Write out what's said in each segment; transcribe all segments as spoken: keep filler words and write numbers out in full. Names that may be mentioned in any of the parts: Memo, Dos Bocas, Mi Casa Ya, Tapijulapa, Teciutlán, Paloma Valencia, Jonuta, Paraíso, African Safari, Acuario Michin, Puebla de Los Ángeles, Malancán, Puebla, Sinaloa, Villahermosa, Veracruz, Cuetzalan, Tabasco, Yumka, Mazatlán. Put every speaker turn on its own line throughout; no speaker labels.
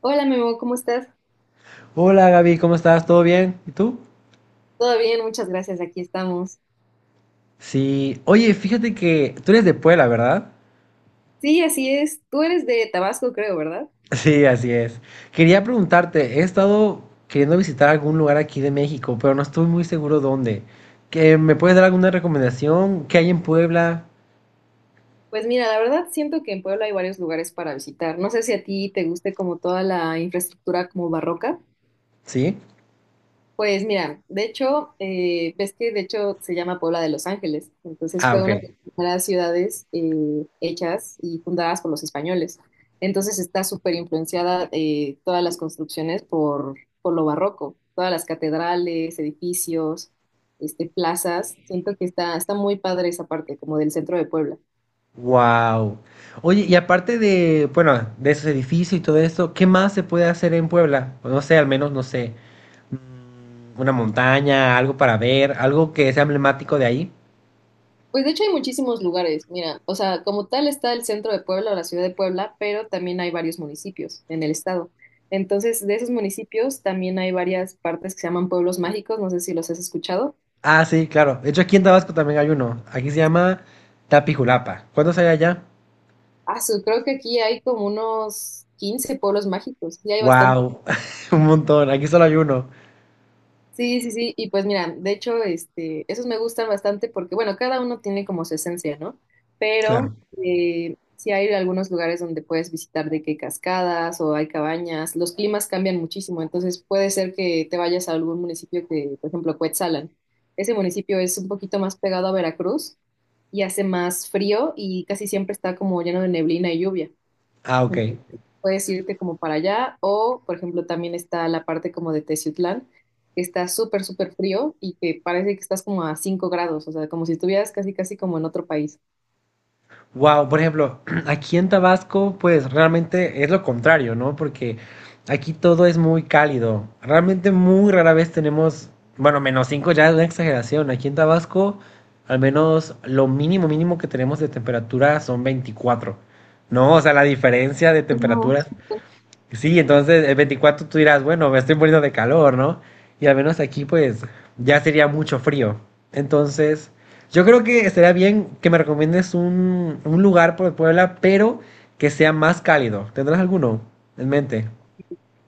Hola Memo, ¿cómo estás?
Hola Gaby, ¿cómo estás? ¿Todo bien? ¿Y tú?
Todo bien, muchas gracias, aquí estamos.
Sí, oye, fíjate que tú eres de Puebla, ¿verdad?
Sí, así es. Tú eres de Tabasco, creo, ¿verdad?
Sí, así es. Quería preguntarte, he estado queriendo visitar algún lugar aquí de México, pero no estoy muy seguro dónde. ¿Que me puedes dar alguna recomendación? ¿Qué hay en Puebla?
Pues mira, la verdad siento que en Puebla hay varios lugares para visitar. No sé si a ti te guste como toda la infraestructura como barroca.
¿Sí?
Pues mira, de hecho, eh, ves que de hecho se llama Puebla de Los Ángeles, entonces
Ah,
fue
ok.
una de las primeras ciudades eh, hechas y fundadas por los españoles. Entonces está súper influenciada eh, todas las construcciones por, por lo barroco, todas las catedrales, edificios, este, plazas. Siento que está, está muy padre esa parte, como del centro de Puebla.
Wow. Oye, y aparte de, bueno, de esos edificios y todo esto, ¿qué más se puede hacer en Puebla? O no sé, al menos, no sé, una montaña, algo para ver, algo que sea emblemático de ahí.
Pues de hecho hay muchísimos lugares, mira, o sea, como tal está el centro de Puebla o la ciudad de Puebla, pero también hay varios municipios en el estado. Entonces, de esos municipios también hay varias partes que se llaman pueblos mágicos, no sé si los has escuchado.
Ah, sí, claro. De hecho, aquí en Tabasco también hay uno. Aquí se llama Tapijulapa. ¿Cuántos hay allá?
Ah, su- creo que aquí hay como unos quince pueblos mágicos, y hay bastantes.
Wow, un montón. Aquí solo hay uno.
Sí, sí, sí, y pues mira, de hecho, este, esos me gustan bastante porque, bueno, cada uno tiene como su esencia, ¿no? Pero
Claro.
eh, sí hay algunos lugares donde puedes visitar de que cascadas o hay cabañas, los climas cambian muchísimo, entonces puede ser que te vayas a algún municipio que, por ejemplo, Cuetzalan. Ese municipio es un poquito más pegado a Veracruz y hace más frío y casi siempre está como lleno de neblina y lluvia.
Ah, ok.
Entonces, puedes irte como para allá o, por ejemplo, también está la parte como de Teciutlán, que está súper, súper frío y que parece que estás como a cinco grados, o sea, como si estuvieras casi, casi como en otro país.
Wow, por ejemplo, aquí en Tabasco, pues realmente es lo contrario, ¿no? Porque aquí todo es muy cálido. Realmente muy rara vez tenemos, bueno, menos cinco ya es una exageración. Aquí en Tabasco, al menos lo mínimo mínimo que tenemos de temperatura son veinticuatro. No, o sea, la diferencia de
No.
temperaturas. Sí, entonces el veinticuatro tú dirás, bueno, me estoy muriendo de calor, ¿no? Y al menos aquí pues ya sería mucho frío. Entonces, yo creo que estaría bien que me recomiendes un, un lugar por Puebla, pero que sea más cálido. ¿Tendrás alguno en mente?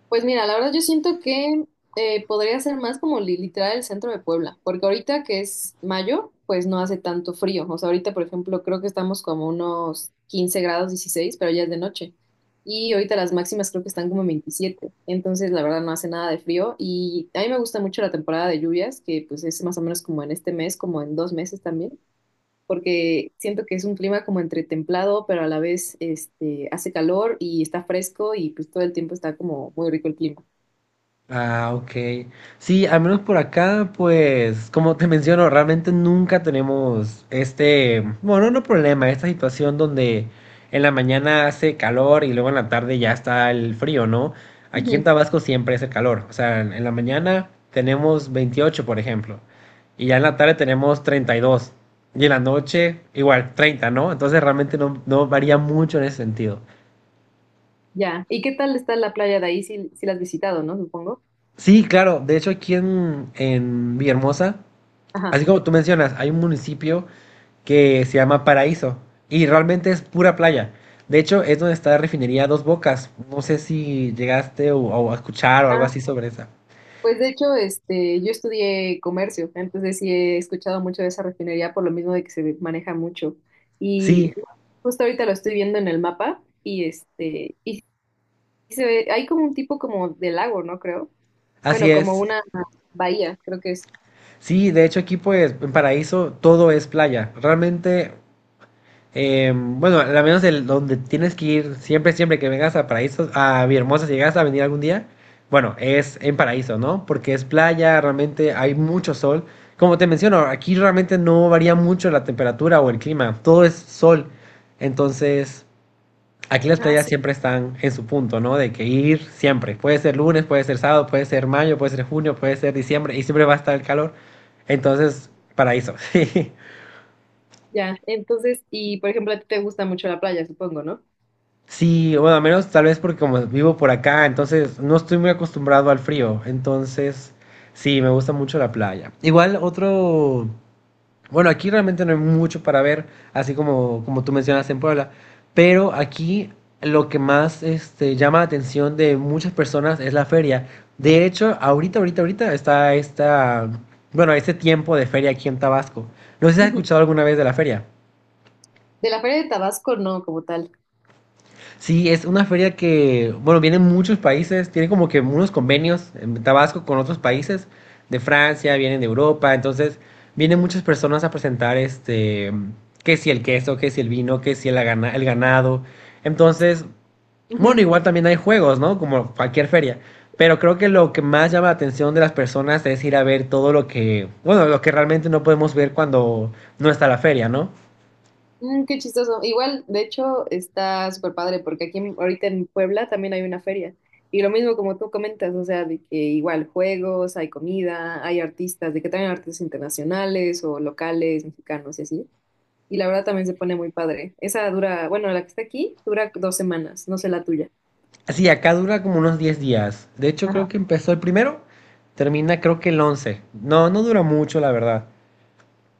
Pues mira, la verdad yo siento que eh, podría ser más como li- literal el centro de Puebla, porque ahorita que es mayo, pues no hace tanto frío. O sea, ahorita, por ejemplo, creo que estamos como unos quince grados dieciséis, pero ya es de noche. Y ahorita las máximas creo que están como en veintisiete. Entonces, la verdad no hace nada de frío. Y a mí me gusta mucho la temporada de lluvias, que pues es más o menos como en este mes, como en dos meses también, porque siento que es un clima como entre templado, pero a la vez este, hace calor y está fresco y pues todo el tiempo está como muy rico el clima.
Ah, ok. Sí, al menos por acá, pues, como te menciono, realmente nunca tenemos este, bueno, no problema, esta situación donde en la mañana hace calor y luego en la tarde ya está el frío, ¿no? Aquí en
Ujú.
Tabasco siempre es el calor, o sea, en en la mañana tenemos veintiocho, por ejemplo, y ya en la tarde tenemos treinta y dos y en la noche igual treinta, ¿no? Entonces realmente no, no varía mucho en ese sentido.
Ya. ¿Y qué tal está la playa de ahí? Si, si la has visitado, ¿no? Supongo.
Sí, claro, de hecho aquí en, en Villahermosa,
Ajá.
así como tú mencionas, hay un municipio que se llama Paraíso y realmente es pura playa. De hecho, es donde está la refinería Dos Bocas. No sé si llegaste o, o a escuchar o algo
Ah,
así sobre esa.
pues de hecho, este, yo estudié comercio, entonces sí he escuchado mucho de esa refinería por lo mismo de que se maneja mucho. Y
Sí,
justo ahorita lo estoy viendo en el mapa y este, y sí se ve, hay como un tipo como de lago, ¿no? Creo.
así
Bueno, como
es.
una bahía, creo que es.
Sí, de hecho aquí pues en Paraíso todo es playa. Realmente, eh, bueno, al menos el donde tienes que ir siempre, siempre que vengas a Paraíso, a Villahermosa, si llegas a venir algún día, bueno, es en Paraíso, ¿no? Porque es playa, realmente hay mucho sol. Como te menciono, aquí realmente no varía mucho la temperatura o el clima, todo es sol. Entonces, aquí las
Ah,
playas
su-
siempre están en su punto, ¿no? De que ir siempre. Puede ser lunes, puede ser sábado, puede ser mayo, puede ser junio, puede ser diciembre y siempre va a estar el calor. Entonces, Paraíso.
ya. Entonces, y por ejemplo, a ti te gusta mucho la playa, supongo, ¿no?
Sí, bueno, al menos tal vez porque como vivo por acá, entonces no estoy muy acostumbrado al frío. Entonces, sí, me gusta mucho la playa. Igual otro, bueno, aquí realmente no hay mucho para ver, así como, como tú mencionas en Puebla, pero aquí lo que más este, llama la atención de muchas personas es la feria. De hecho, ahorita, ahorita, ahorita está esta, bueno, este tiempo de feria aquí en Tabasco. No sé si has
Ujú.
escuchado alguna vez de la feria.
De la Feria de Tabasco, no, como tal.
Sí, es una feria que, bueno, vienen muchos países, tiene como que unos convenios en Tabasco con otros países de Francia, vienen de Europa, entonces vienen muchas personas a presentar este, que si el queso, que si el vino, que si el, gana- el ganado. Entonces, bueno, igual también hay juegos, ¿no? Como cualquier feria, pero creo que lo que más llama la atención de las personas es ir a ver todo lo que, bueno, lo que realmente no podemos ver cuando no está la feria, ¿no?
Mm, qué chistoso. Igual, de hecho, está súper padre porque aquí en- ahorita en Puebla también hay una feria. Y lo mismo como tú comentas, o sea, de que igual juegos, hay comida, hay artistas, de que también artistas internacionales o locales, mexicanos y así. Y la verdad también se pone muy padre. Esa dura, bueno, la que está aquí dura dos semanas, no sé la tuya.
Sí, acá dura como unos diez días. De hecho,
Ajá.
creo que empezó el primero, termina creo que el once. No, no dura mucho, la verdad.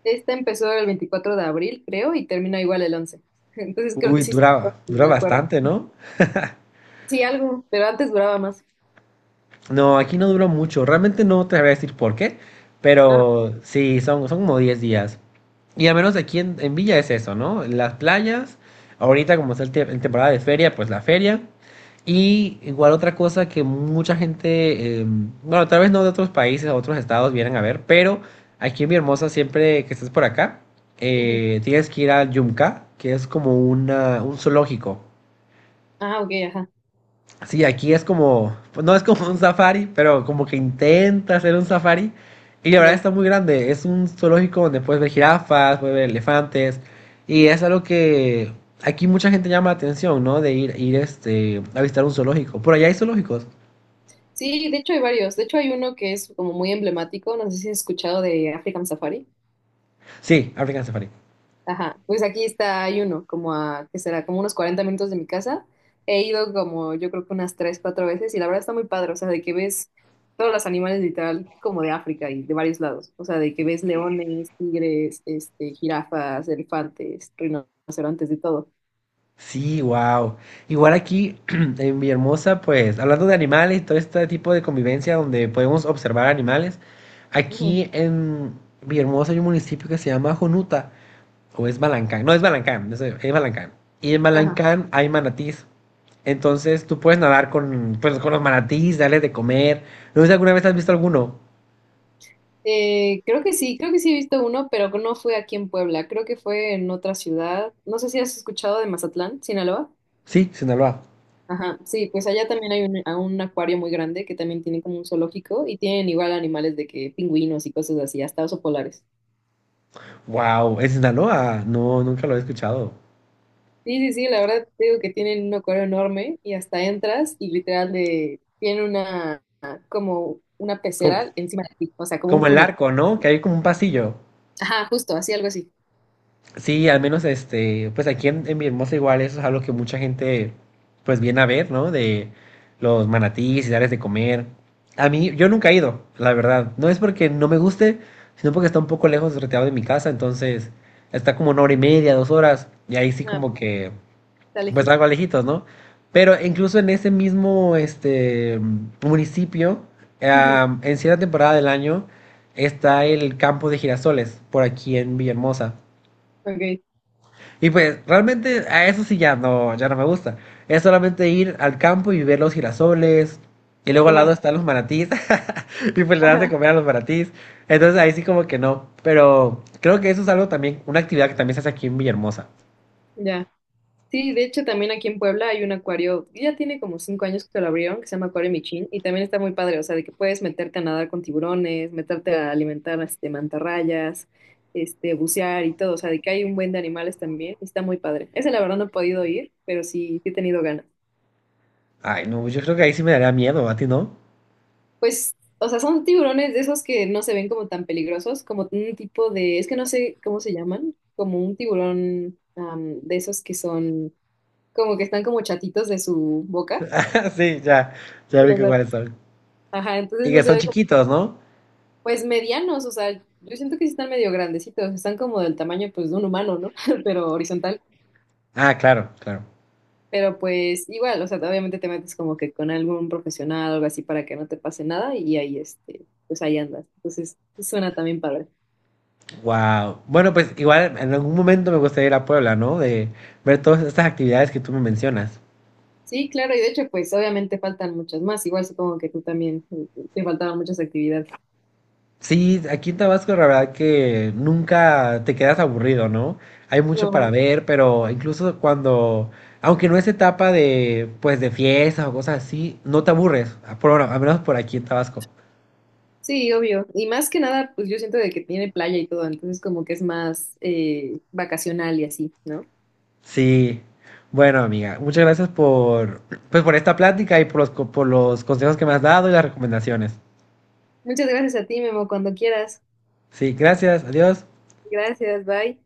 Esta empezó el veinticuatro de abril, creo, y termina igual el once. Entonces creo que
Uy,
sí se
dura,
empezó,
dura
me acuerdo.
bastante, ¿no?
Sí, algo, pero antes duraba más.
No, aquí no duró mucho. Realmente no te voy a decir por qué,
Ah,
pero sí, son, son como diez días. Y al menos aquí en, en Villa es eso, ¿no? Las playas, ahorita como está el te- en temporada de feria, pues la feria. Y igual otra cosa que mucha gente, eh, bueno, tal vez no de otros países, o otros estados vienen a ver, pero aquí en Mi Hermosa, siempre que estés por acá,
ujú.
eh, tienes que ir al Yumka, que es como una, un zoológico.
Ah, ok, ajá.
Sí, aquí es como, pues no es como un safari, pero como que intenta hacer un safari. Y la verdad
Ya.
está muy grande. Es un zoológico donde puedes ver jirafas, puedes ver elefantes. Y es algo que aquí mucha gente llama la atención, ¿no? De ir, ir este, a visitar un zoológico. Por allá hay zoológicos.
Sí, de hecho hay varios. De hecho hay uno que es como muy emblemático, no sé si has escuchado de African Safari.
Sí, African Safari.
Ajá, pues aquí está, hay uno como a, que será como unos cuarenta minutos de mi casa. He ido como yo creo que unas tres, cuatro veces y la verdad está muy padre, o sea, de que ves todos los animales literal como de África y de varios lados, o sea, de que ves leones, tigres, este, jirafas, elefantes, rinocerontes, de todo.
Sí, wow. Igual aquí en Villahermosa, pues hablando de animales y todo este tipo de convivencia donde podemos observar animales,
Ujú.
aquí en Villahermosa hay un municipio que se llama Jonuta. O es Malancán. No, es Malancán. no Es Malancán. Y en
Ajá.
Malancán hay manatís. Entonces tú puedes nadar con, pues, con los manatís, darles de comer. No sé si alguna vez has visto alguno.
Eh, creo que sí, creo que sí he visto uno, pero no fue aquí en Puebla, creo que fue en otra ciudad. No sé si has escuchado de Mazatlán, Sinaloa.
Sí, Sinaloa.
Ajá, sí, pues allá también hay un, a un acuario muy grande que también tiene como un zoológico y tienen igual animales de que pingüinos y cosas así, hasta osos polares.
Wow, ¿es Sinaloa? No, nunca lo he escuchado.
Sí, sí, sí, la verdad te digo que tienen un acuario enorme y hasta entras y literal de, tiene una como una
Como,
pecera encima de ti, o sea, como un
como el
túnel.
arco, ¿no? Que hay como un pasillo.
Ajá, justo, así algo así.
Sí, al menos este, pues aquí en, en mi hermosa igual eso es algo que mucha gente pues viene a ver, ¿no? De los manatíes y darles de comer. A mí, yo nunca he ido, la verdad. No es porque no me guste, sino porque está un poco lejos, retirado de mi casa, entonces está como una hora y media, dos horas, y ahí sí
Ah,
como
pues
que
está
pues
legítimo.
algo lejitos, ¿no? Pero incluso en ese mismo este municipio,
Ujú.
am, en cierta temporada del año, está el campo de girasoles, por aquí en Villahermosa.
Ok,
Y pues realmente a eso sí ya no, ya no me gusta. Es solamente ir al campo y ver los girasoles. Y luego al lado
tomar.
están los manatís. Y pues le das de
Ajá,
comer a los manatís. Entonces ahí sí como que no. Pero creo que eso es algo también, una actividad que también se hace aquí en Villahermosa.
ya. Sí, de hecho también aquí en Puebla hay un acuario, ya tiene como cinco años que lo abrieron, que se llama Acuario Michin, y también está muy padre, o sea, de que puedes meterte a nadar con tiburones, meterte a alimentar este, mantarrayas, este, bucear y todo, o sea, de que hay un buen de animales también, y está muy padre. Ese la verdad no he podido ir, pero sí, sí he tenido ganas.
Ay, no, yo creo que ahí sí me daría miedo, a ti no.
Pues, o sea, son tiburones de esos que no se ven como tan peligrosos, como un tipo de, es que no sé cómo se llaman, como un tiburón am, de esos que son, como que están como chatitos de su boca.
Sí, ya, ya vi que cuáles son.
Ajá, entonces
Y
no
que
se
son
ve como,
chiquitos, ¿no?
pues medianos, o sea, yo siento que sí están medio grandecitos, están como del tamaño pues de un humano, ¿no? Pero horizontal,
Ah, claro, claro.
pero pues igual, o sea, obviamente te metes como que con algún profesional o algo así para que no te pase nada y ahí este, pues ahí andas. Entonces, sí suena también padre.
Wow. Bueno, pues igual en algún momento me gustaría ir a Puebla, ¿no? De ver todas estas actividades que tú me mencionas.
Sí, claro, y de hecho pues obviamente faltan muchas más, igual supongo que tú también eh, te faltaban muchas actividades.
Sí, aquí en Tabasco la verdad que nunca te quedas aburrido, ¿no? Hay mucho para
No,
ver, pero incluso cuando, aunque no es etapa de, pues, de fiestas o cosas así, no te aburres, a- por, ahora, al menos por aquí en Tabasco.
sí, obvio. Y más que nada, pues yo siento de que tiene playa y todo, entonces como que es más eh, vacacional y así, ¿no?
Sí. Bueno, amiga, muchas gracias por, pues, por esta plática y por los, co- por los consejos que me has dado y las recomendaciones.
Muchas gracias a ti, Memo, cuando quieras.
Sí, gracias, adiós.
Gracias, bye.